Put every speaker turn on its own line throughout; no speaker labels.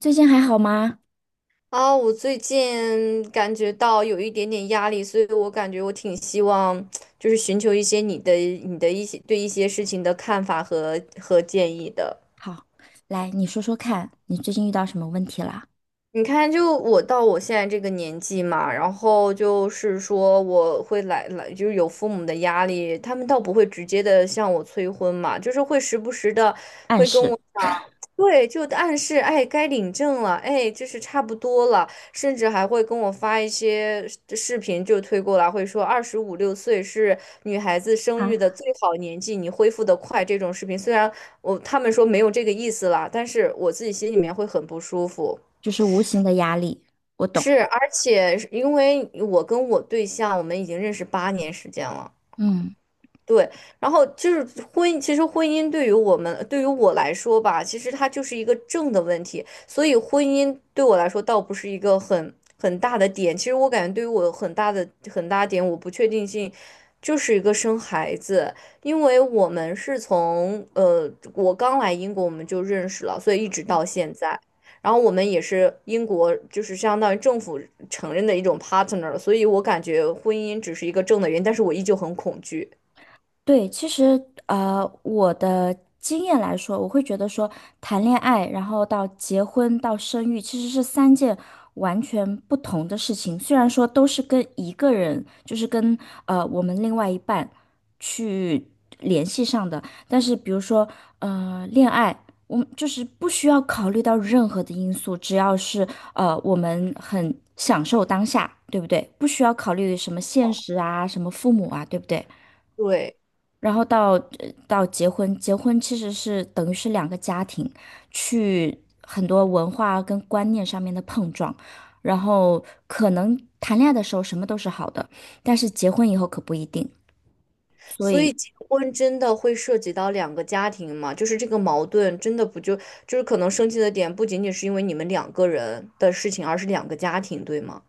最近还好吗？
啊，我最近感觉到有一点点压力，所以我感觉我挺希望，就是寻求一些你的一些对一些事情的看法和建议的。
好，来，你说说看，你最近遇到什么问题了？
你看，就我到我现在这个年纪嘛，然后就是说我会来来，就是有父母的压力，他们倒不会直接的向我催婚嘛，就是会时不时的
暗
会跟
示
我。对，就暗示，哎，该领证了，哎，就是差不多了，甚至还会跟我发一些视频，就推过来，会说二十五六岁是女孩子生
啊，
育的最好年纪，你恢复得快这种视频。虽然他们说没有这个意思啦，但是我自己心里面会很不舒服。
就是无形的压力，我懂。
是，而且是因为我跟我对象，我们已经认识8年时间了。
嗯。
对，然后就是婚姻，其实婚姻对于我们，对于我来说吧，其实它就是一个正的问题，所以婚姻对我来说倒不是一个很大的点。其实我感觉对于我很大的很大点，我不确定性就是一个生孩子，因为我们是我刚来英国我们就认识了，所以一直到现在。然后我们也是英国，就是相当于政府承认的一种 partner，所以我感觉婚姻只是一个正的原因，但是我依旧很恐惧。
对，其实我的经验来说，我会觉得说，谈恋爱，然后到结婚到生育，其实是三件完全不同的事情。虽然说都是跟一个人，就是跟我们另外一半去联系上的，但是比如说恋爱，我们就是不需要考虑到任何的因素，只要是我们很享受当下，对不对？不需要考虑什么现实啊，什么父母啊，对不对？
对，
然后到到结婚，结婚其实是等于是两个家庭去很多文化跟观念上面的碰撞，然后可能谈恋爱的时候什么都是好的，但是结婚以后可不一定，所
所
以
以结婚真的会涉及到两个家庭嘛？就是这个矛盾真的不就就是可能生气的点不仅仅是因为你们两个人的事情，而是两个家庭，对吗？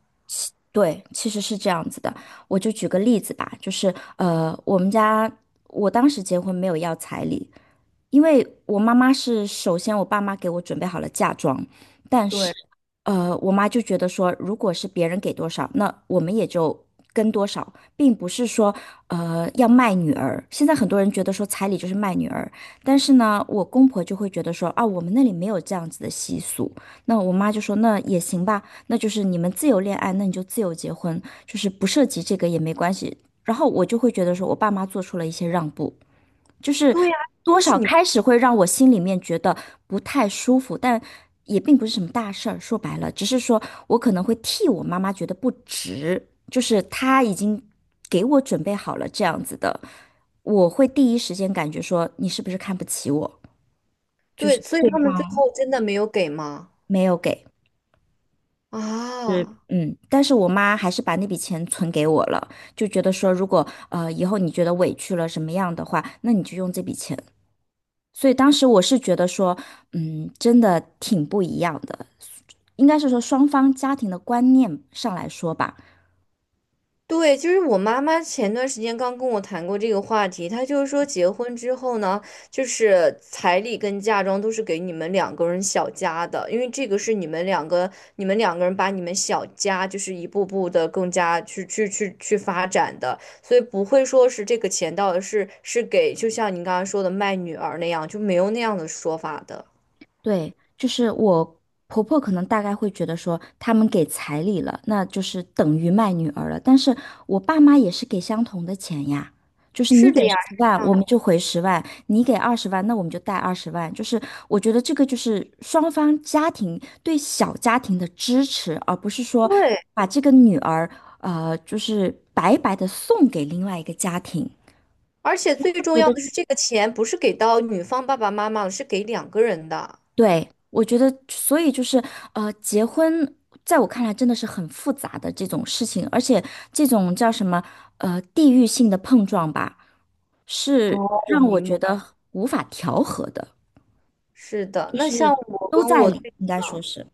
对，其实是这样子的。我就举个例子吧，就是我们家我当时结婚没有要彩礼，因为我妈妈是首先我爸妈给我准备好了嫁妆，但是
对，
我妈就觉得说，如果是别人给多少，那我们也就跟多少，并不是说要卖女儿。现在很多人觉得说彩礼就是卖女儿，但是呢，我公婆就会觉得说啊，我们那里没有这样子的习俗。那我妈就说那也行吧，那就是你们自由恋爱，那你就自由结婚，就是不涉及这个也没关系。然后我就会觉得说我爸妈做出了一些让步。就是
对呀，
多
就是
少
你，
开始会让我心里面觉得不太舒服，但也并不是什么大事儿。说白了，只是说我可能会替我妈妈觉得不值，就是她已经给我准备好了这样子的，我会第一时间感觉说你是不是看不起我，就是
对，所以
对
他们最
方
后真的没有给吗？
没有给。是，
啊。
嗯，但是我妈还是把那笔钱存给我了，就觉得说，如果以后你觉得委屈了什么样的话，那你就用这笔钱。所以当时我是觉得说，嗯，真的挺不一样的，应该是说双方家庭的观念上来说吧，
对，就是我妈妈前段时间刚跟我谈过这个话题，她就是说结婚之后呢，就是彩礼跟嫁妆都是给你们两个人小家的，因为这个是你们两个，你们两个人把你们小家就是一步步的更加去发展的，所以不会说是这个钱到底是给，就像您刚刚说的卖女儿那样，就没有那样的说法的。
对，就是我婆婆可能大概会觉得说，他们给彩礼了，那就是等于卖女儿了。但是我爸妈也是给相同的钱呀，就是你
是
给
的呀，
十
是
万，
这样
我们
的。
就回十万；你给二十万，那我们就带二十万。就是我觉得这个就是双方家庭对小家庭的支持，而不是说
对，
把这个女儿就是白白的送给另外一个家庭。
而且最重要的是，这个钱不是给到女方爸爸妈妈了是给两个人的。
对，我觉得，所以就是，结婚在我看来真的是很复杂的这种事情，而且这种叫什么，地域性的碰撞吧，
哦，
是
我
让我
明
觉
白。
得无法调和的，
是的，
就
那
是
像我
都
跟
在
我
里，
对，
应该说是，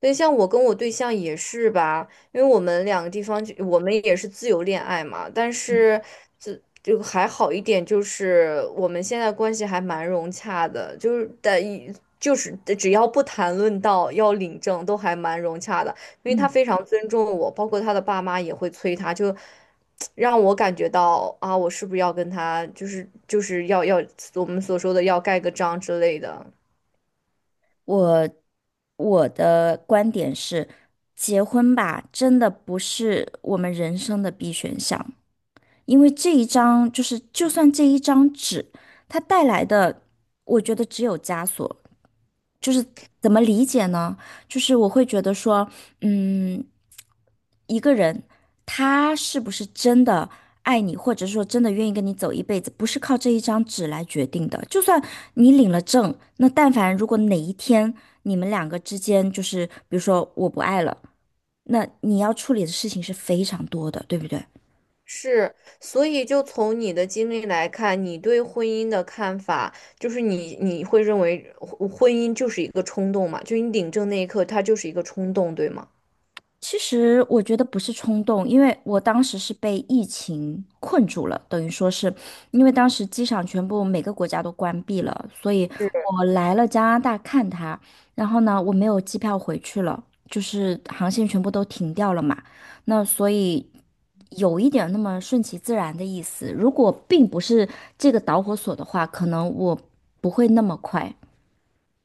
对像我跟我对象也是吧，因为我们两个地方就，我们也是自由恋爱嘛，但是这就还好一点，就是我们现在关系还蛮融洽的，就是但一就是只要不谈论到要领证，都还蛮融洽的，因为
嗯，
他非常尊重我，包括他的爸妈也会催他，就 让我感觉到啊，我是不是要跟他，就是我们所说的要盖个章之类的。
我我的观点是，结婚吧，真的不是我们人生的必选项，因为这一张就是，就算这一张纸，它带来的，我觉得只有枷锁。就是怎么理解呢？就是我会觉得说，嗯，一个人他是不是真的爱你，或者说真的愿意跟你走一辈子，不是靠这一张纸来决定的。就算你领了证，那但凡如果哪一天你们两个之间就是，比如说我不爱了，那你要处理的事情是非常多的，对不对？
是，所以就从你的经历来看，你对婚姻的看法，就是你会认为婚姻就是一个冲动嘛？就你领证那一刻，它就是一个冲动，对吗？
其实我觉得不是冲动，因为我当时是被疫情困住了，等于说是因为当时机场全部每个国家都关闭了，所以我来了加拿大看他，然后呢，我没有机票回去了，就是航线全部都停掉了嘛，那所以有一点那么顺其自然的意思。如果并不是这个导火索的话，可能我不会那么快。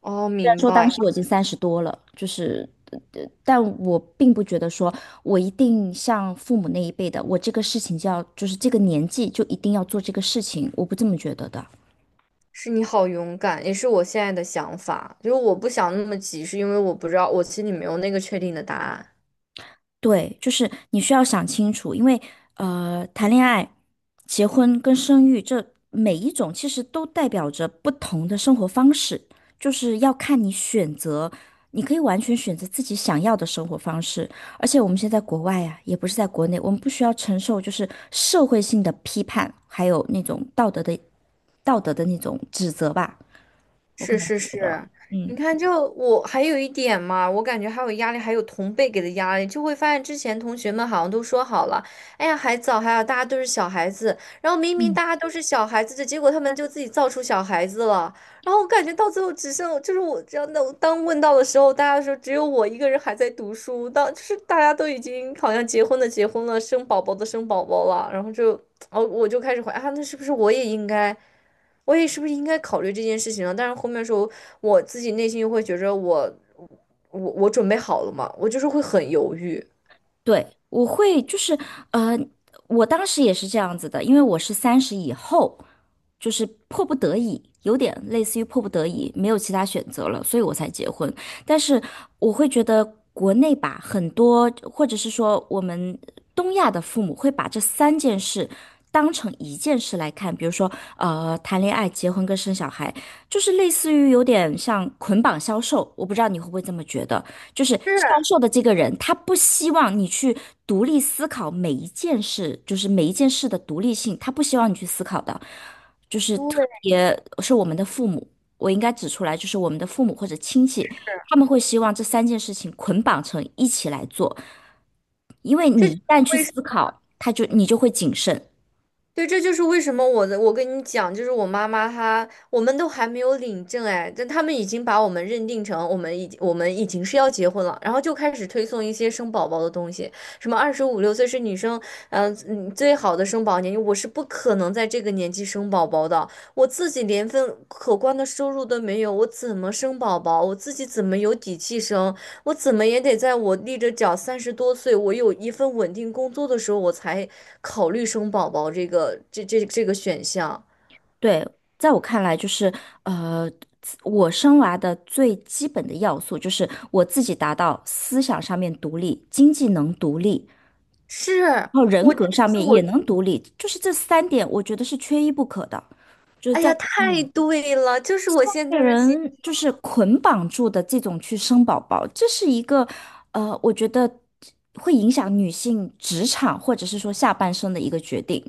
哦，
然
明
说
白，
当时我已经30多了，就是，但我并不觉得说我一定像父母那一辈的，我这个事情就要，就是这个年纪就一定要做这个事情，我不这么觉得的。
是你好勇敢，也是我现在的想法。就是我不想那么急，是因为我不知道，我心里没有那个确定的答案。
对，就是你需要想清楚，因为谈恋爱、结婚跟生育这每一种其实都代表着不同的生活方式，就是要看你选择，你可以完全选择自己想要的生活方式。而且我们现在在国外呀、也不是在国内，我们不需要承受就是社会性的批判，还有那种道德的那种指责吧。我可
是
能会
是
觉得。
是，
嗯。
你看就，我还有一点嘛，我感觉还有压力，还有同辈给的压力，就会发现之前同学们好像都说好了，哎呀，还早，还有大家都是小孩子，然后明明大家都是小孩子的，结果他们就自己造出小孩子了，然后我感觉到最后只剩就是我这样的，当问到的时候，大家说只有我一个人还在读书，当就是大家都已经好像结婚的结婚了，生宝宝的生宝宝了，然后就哦，我就开始怀啊，那是不是我也应该？我也是不是应该考虑这件事情啊？但是后面的时候，我自己内心又会觉着我准备好了嘛，我就是会很犹豫。
对，我会就是，呃，我当时也是这样子的，因为我是三十以后，就是迫不得已，有点类似于迫不得已，没有其他选择了，所以我才结婚。但是我会觉得国内吧，很多或者是说我们东亚的父母会把这三件事当成一件事来看，比如说，谈恋爱、结婚跟生小孩，就是类似于有点像捆绑销售，我不知道你会不会这么觉得。就是
是，
销售的这个人，他不希望你去独立思考每一件事，就是每一件事的独立性，他不希望你去思考的，就是特
对，
别是我们的父母，我应该指出来，就是我们的父母或者亲戚，他们会希望这三件事情捆绑成一起来做，因为
这
你
就是
一旦去
为
思考，你就会谨慎，
对，这就是为什么我的，我跟你讲，就是我妈妈她，我们都还没有领证哎，但他们已经把我们认定成我们已经是要结婚了，然后就开始推送一些生宝宝的东西，什么二十五六岁是女生，最好的生宝年龄，我是不可能在这个年纪生宝宝的，我自己连份可观的收入都没有，我怎么生宝宝？我自己怎么有底气生？我怎么也得在我立着脚30多岁，我有一份稳定工作的时候，我才考虑生宝宝这个选项。
对，在我看来，就是呃，我生娃的最基本的要素就是我自己达到思想上面独立，经济能独立，
是
然后人
我，就
格上
是
面也
我，
能独立，就是这三点，我觉得是缺一不可的。就是
哎
在
呀，太
嗯，
对了，就是我现
被
在的心。
人就是捆绑住的这种去生宝宝，这是一个我觉得会影响女性职场或者是说下半生的一个决定。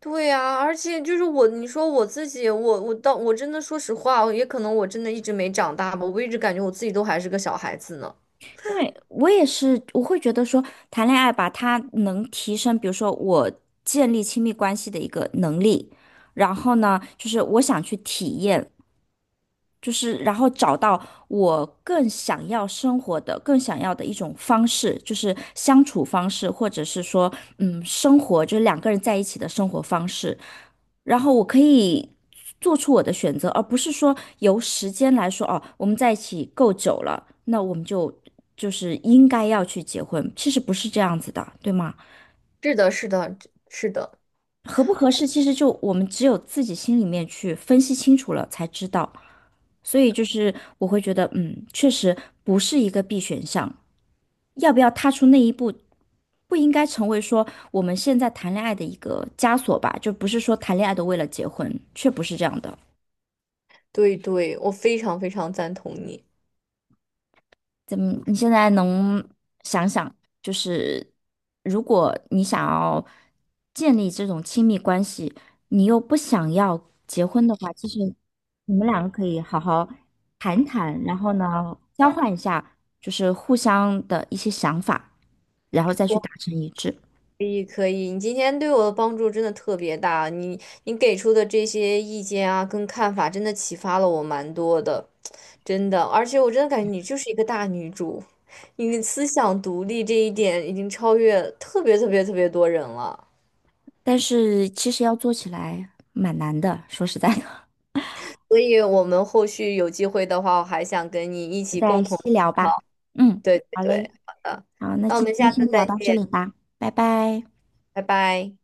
对呀，而且就是我，你说我自己，我到我真的说实话，也可能我真的一直没长大吧，我一直感觉我自己都还是个小孩子呢。
因为我也是，我会觉得说，谈恋爱吧，它能提升，比如说我建立亲密关系的一个能力，然后呢，就是我想去体验，就是然后找到我更想要生活的、更想要的一种方式，就是相处方式，或者是说，嗯，生活就是两个人在一起的生活方式。然后我可以做出我的选择，而不是说由时间来说，哦，我们在一起够久了，那我们就就是应该要去结婚，其实不是这样子的，对吗？
是的，是的，是的，
合不合适，其实就我们只有自己心里面去分析清楚了才知道。所以就是我会觉得，嗯，确实不是一个必选项。要不要踏出那一步，不应该成为说我们现在谈恋爱的一个枷锁吧？就不是说谈恋爱都为了结婚，却不是这样的。
对对，我非常非常赞同你。
怎么？你现在能想想，就是如果你想要建立这种亲密关系，你又不想要结婚的话，其实你们两个可以好好谈谈，然后呢，交换一下，就是互相的一些想法，然后再去
我。
达成一致。
可以可以，你今天对我的帮助真的特别大，你给出的这些意见啊，跟看法真的启发了我蛮多的，真的，而且我真的感觉你就是一个大女主，你的思想独立这一点已经超越特别特别特别多人了，
但是其实要做起来蛮难的，说实在的，
所以我们后续有机会的话，我还想跟你一
我们
起
再
共同
细
探
聊吧。
讨。
嗯，
对对
好
对，
嘞，
好的，
好，那
那我
今
们
天
下
先
次
聊
再
到这
见，
里吧，拜拜。
拜拜。